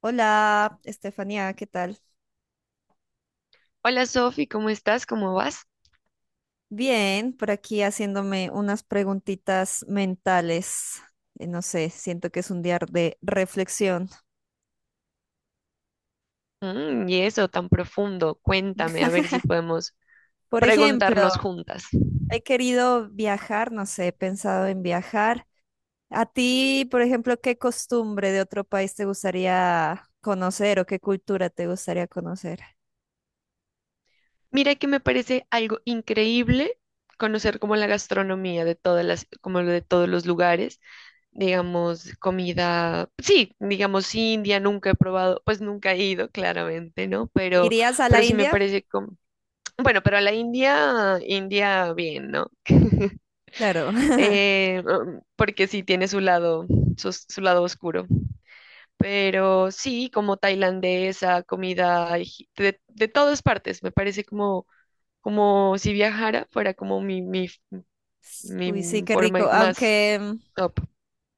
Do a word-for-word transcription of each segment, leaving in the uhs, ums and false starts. Hola, Estefanía, ¿qué tal? Hola Sofi, ¿cómo estás? ¿Cómo vas? Bien, por aquí haciéndome unas preguntitas mentales. Eh, No sé, siento que es un día de reflexión. Mm, y eso tan profundo, cuéntame a ver si podemos Por ejemplo, preguntarnos juntas. he querido viajar, no sé, he pensado en viajar. A ti, por ejemplo, ¿qué costumbre de otro país te gustaría conocer o qué cultura te gustaría conocer? Mira que me parece algo increíble conocer como la gastronomía de todas las, como lo de todos los lugares, digamos, comida, sí, digamos sí, India, nunca he probado, pues nunca he ido, claramente, ¿no? Pero, ¿Irías a la pero sí me India? parece como, bueno, pero a la India, India bien, ¿no? Claro. Eh, um, porque sí tiene su lado, su su lado oscuro. Pero sí, como tailandesa, comida egip- de, de todas partes. Me parece como, como si viajara, fuera como mi, mi, Uy, sí, mi qué forma rico. más Aunque mm, top.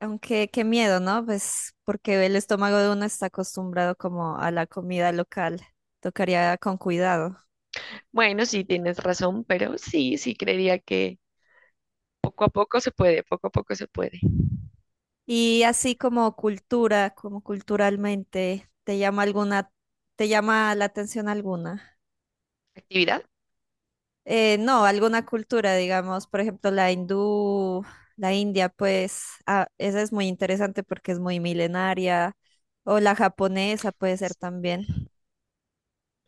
Aunque qué miedo, ¿no? Pues porque el estómago de uno está acostumbrado como a la comida local. Tocaría con cuidado. Bueno, sí, tienes razón, pero sí, sí, creería que poco a poco se puede, poco a poco se puede. Y así como cultura, como culturalmente, ¿te llama alguna, te llama la atención alguna? ¿Actividad? Eh, no, alguna cultura, digamos, por ejemplo, la hindú, la india, pues ah, esa es muy interesante porque es muy milenaria. O la japonesa puede ser también.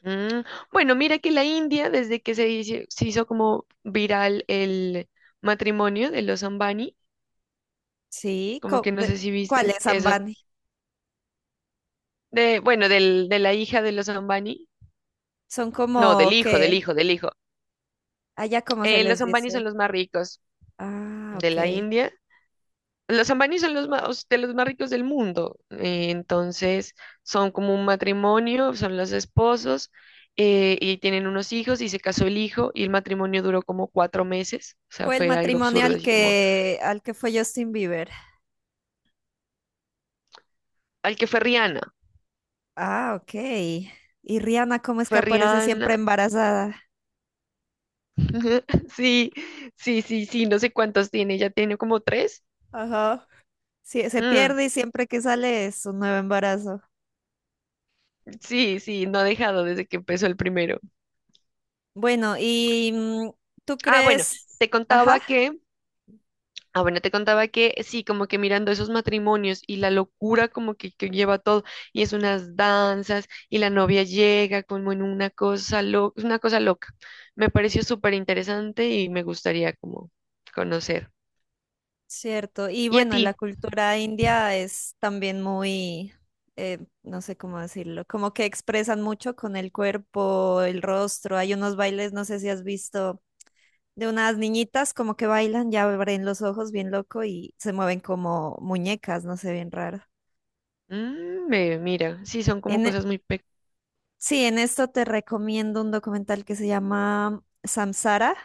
Mm, bueno, mira que la India, desde que se hizo, se hizo como viral el matrimonio de los Ambani, Sí, como co- que no de- sé si viste ¿cuáles, eso, Ambani? de, bueno, del, de la hija de los Ambani. Son No, del como hijo, que del hijo, del hijo. allá como se Eh, les Los dice. ambanis son los más ricos Ah, de ok. la India. Los ambanis son los más, de los más ricos del mundo. Eh, entonces, son como un matrimonio, son los esposos eh, y tienen unos hijos y se casó el hijo y el matrimonio duró como cuatro meses. O sea, Fue el fue algo matrimonio absurdo, al así como, que, al que fue Justin Bieber. al que fue Rihanna. Ah, ok. Y Rihanna, ¿cómo es que Fue aparece siempre Rihanna. embarazada? Sí, sí, sí, sí, no sé cuántos tiene, ya tiene como tres. Ajá. Sí, se Mm, pierde y siempre que sale es un nuevo embarazo. sí, sí, no ha dejado desde que empezó el primero. Bueno, y mm, tú Ah, bueno, crees, te ajá, contaba que Ah, bueno, te contaba que sí, como que mirando esos matrimonios y la locura como que, que lleva todo, y es unas danzas, y la novia llega como en una cosa loca, una cosa loca. Me pareció súper interesante y me gustaría como conocer. cierto. Y ¿Y a bueno, ti? la cultura india es también muy, eh, no sé cómo decirlo, como que expresan mucho con el cuerpo, el rostro. Hay unos bailes, no sé si has visto de unas niñitas como que bailan, ya abren los ojos bien loco y se mueven como muñecas, no sé, bien raro. Mm, ve, mira, sí, son como En, e- cosas muy pe... sí, en esto te recomiendo un documental que se llama Samsara.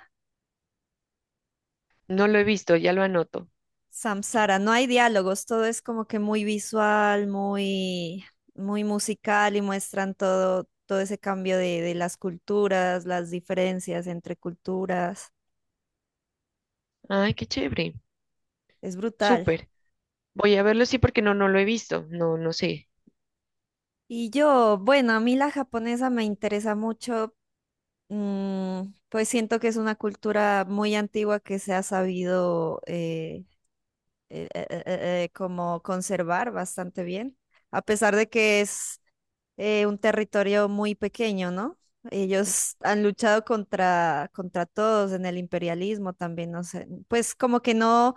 No lo he visto, ya lo anoto. Samsara, no hay diálogos, todo es como que muy visual, muy, muy musical y muestran todo, todo ese cambio de, de las culturas, las diferencias entre culturas. Ay, qué chévere, Es brutal. súper. Voy a verlo, sí, porque no, no lo he visto. No, no sé. Y yo, bueno, a mí la japonesa me interesa mucho. Mm, pues siento que es una cultura muy antigua que se ha sabido eh, eh, eh, eh, eh, eh, como conservar bastante bien, a pesar de que es eh, un territorio muy pequeño, ¿no? Ellos han luchado contra, contra todos en el imperialismo también, no sé, pues como que no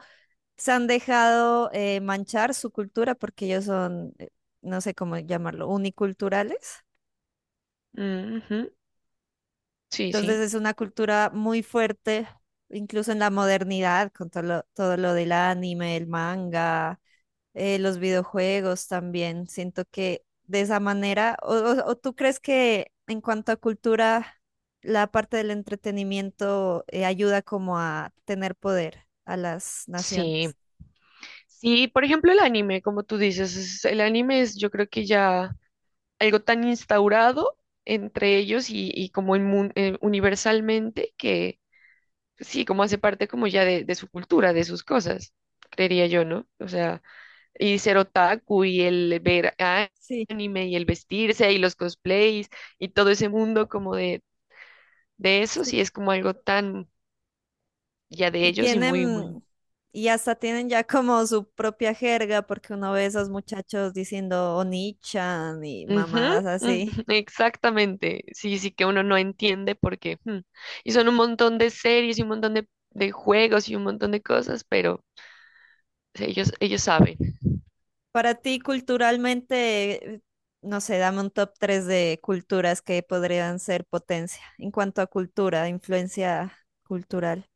se han dejado eh, manchar su cultura porque ellos son, eh, no sé cómo llamarlo, uniculturales. Mm, ujú, sí, Entonces sí. es una cultura muy fuerte, incluso en la modernidad, con todo lo, todo lo del anime, el manga, eh, los videojuegos también. Siento que de esa manera, o, o- o tú crees que en cuanto a cultura, la parte del entretenimiento eh, ¿ayuda como a tener poder a las Sí, naciones? sí, por ejemplo, el anime, como tú dices, es- el anime es yo creo que ya algo tan instaurado entre ellos y, y como inmun- eh, universalmente que pues sí, como hace parte como ya de, de su cultura, de sus cosas, creería yo, ¿no? O sea, y ser otaku y el ver a- Sí, anime y el vestirse y los cosplays y todo ese mundo como de, de eso, sí, sí es como algo tan ya de y ellos y muy, muy... tienen, y hasta tienen ya como su propia jerga, porque uno ve esos muchachos diciendo Onichan y Ujú, mamadas ujú, así. exactamente. Sí, sí que uno no entiende porque hmm, y son un montón de series y un montón de, de juegos y un montón de cosas, pero sí, ellos, ellos saben. Para ti, culturalmente, eh, no sé, dame un top tres de culturas que podrían ser potencia en cuanto a cultura, influencia cultural.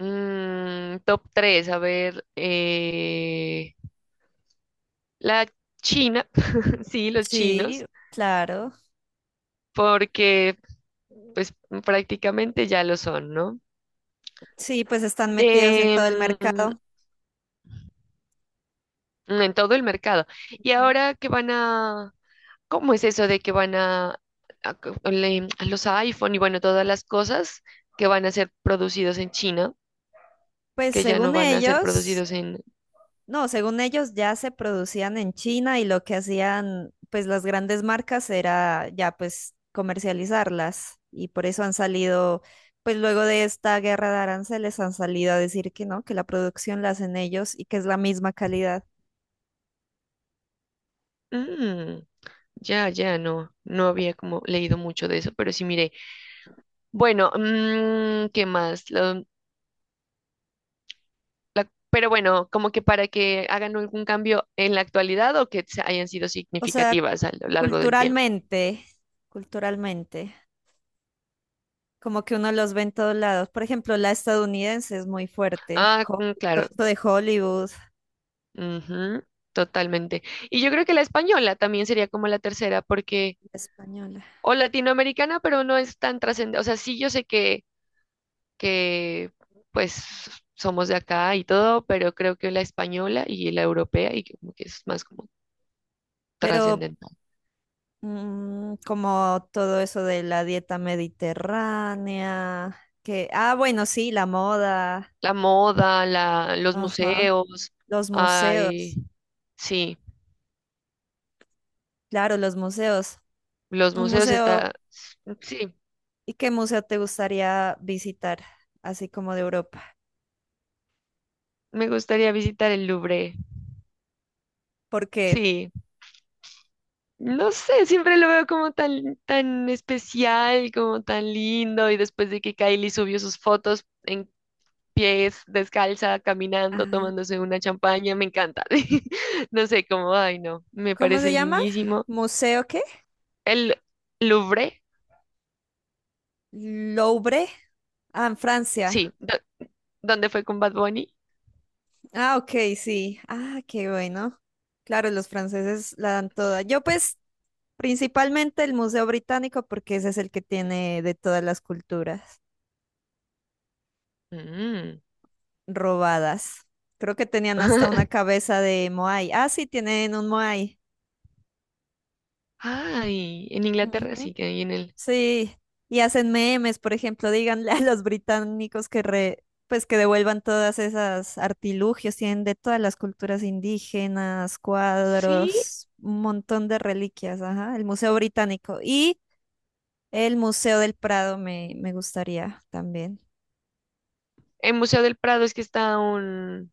Mm, top tres a ver, eh, la China, sí, los Sí, chinos, claro. porque pues prácticamente ya lo son, ¿no? Sí, pues están metidos en todo el Em, mercado. en todo el mercado. Y Ujú. ahora que van a, ¿cómo es eso de que van a, a co- le- a los iPhone y bueno, todas las cosas que van a ser producidos en China, Pues que ya no según van a ser ellos, producidos en... no, según ellos ya se producían en China y lo que hacían pues las grandes marcas era ya pues comercializarlas, y por eso han salido pues luego de esta guerra de aranceles han salido a decir que no, que la producción la hacen ellos y que es la misma calidad. Mm, ya, ya, no, no había como leído mucho de eso, pero sí miré. Bueno, mm, ¿qué más? Lo- la- pero bueno, como que para que hagan algún cambio en la actualidad o que se- hayan sido O sea, significativas a lo largo del tiempo. culturalmente, culturalmente, como que uno los ve en todos lados. Por ejemplo, la estadounidense es muy fuerte, Ah, Ho- mm, todo claro. esto de Hollywood, Ujú, totalmente. Y yo creo que la española también sería como la tercera, porque, la española. o latinoamericana, pero no es tan trascendente. O sea, sí, yo sé que, que, pues, somos de acá y todo, pero creo que la española y la europea, y como que es más como Pero trascendental. mm, como todo eso de la dieta mediterránea, que, ah, bueno, sí, la moda, La moda, la, los ajá, museos, los ay, museos, sí, claro, los museos. los Un museos museo, está, sí, ¿y qué museo te gustaría visitar, así como de Europa? me gustaría visitar el Louvre, Porque, sí. No sé, siempre lo veo como tan, tan especial, como tan lindo. Y después de que Kylie subió sus fotos en pies, descalza, caminando, ah, tomándose una champaña, me encanta. No sé, como, ay, no, me ¿cómo parece se llama? lindísimo. ¿Museo qué? El Louvre, Louvre, ah, en sí, Francia. do- ¿dónde fue con Bad Bunny? Ah, ok, sí. Ah, qué bueno. Claro, los franceses la dan toda. Sí. Yo pues principalmente el Museo Británico, porque ese es el que tiene de todas las culturas Mm. robadas. Creo que tenían hasta una cabeza de Moai. Ah, sí, tienen un Moai. Ay, en Inglaterra sí que hay en el. Sí, y hacen memes, por ejemplo, díganle a los británicos que re- pues que devuelvan todas esas artilugios, tienen de todas las culturas indígenas, Sí, cuadros, un montón de reliquias, ajá, el Museo Británico y el Museo del Prado me, me gustaría también. el Museo del Prado es que está un.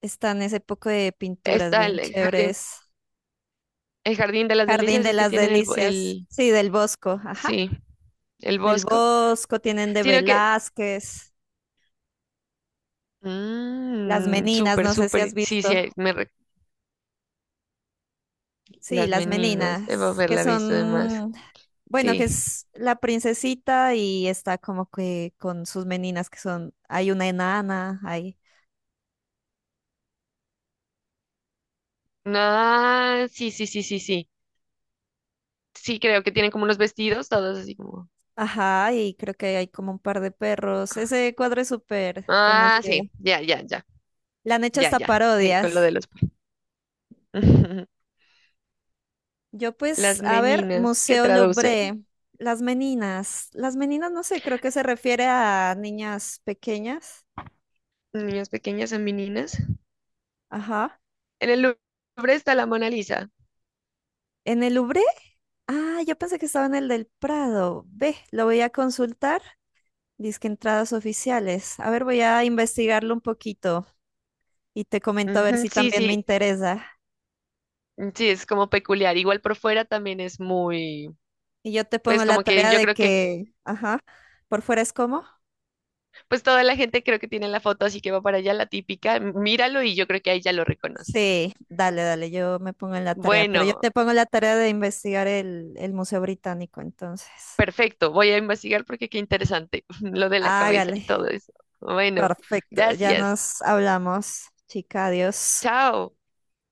Están ese poco de pinturas Está bien el jardín. chéveres. El jardín de las Jardín delicias de es que las tienen el, bo- Delicias, el sí, del Bosco, ajá, sí, el del bosco, Bosco, tienen de sino que, Velázquez, Las mm, Meninas, súper, no sé si has súper, sí, sí, visto. ahí me, re- Sí, las las meninas, debo meninas, que haberla visto además, son, bueno, que sí, es la princesita y está como que con sus meninas que son, hay una enana, hay, ah, sí, sí, sí, sí, sí, sí, creo que tienen como unos vestidos, todos así como, ajá, y creo que hay como un par de perros. Ese cuadro es súper ah, conocido. sí, ya, ya, ya, Le han hecho ya, hasta ya, sí, con parodias. lo de los, Yo las pues, a ver, meninas, que Museo traduce, Louvre, las meninas, las meninas no sé, creo que se refiere a niñas pequeñas, niñas pequeñas a meninas, ajá. en el Louvre está la Mona Lisa, En el Louvre, ah, yo pensé que estaba en el del Prado. Ve, lo voy a consultar. Disque entradas oficiales. A ver, voy a investigarlo un poquito y te comento a ver ujú, si sí, también me sí, interesa. sí, es como peculiar. Igual por fuera también es muy, Y yo te pues pongo la como que tarea yo de creo que, que, ajá, por fuera es como. pues toda la gente creo que tiene la foto, así que va para allá la típica. M- Míralo y yo creo que ahí ya lo reconoces. Sí, dale, dale, yo me pongo en la tarea, pero yo Bueno, te pongo la tarea de investigar el, el Museo Británico, entonces. perfecto. Voy a investigar porque qué interesante lo de la cabeza Hágale. y todo eso. Bueno, Perfecto, ya gracias. nos hablamos, chica, adiós. Chao.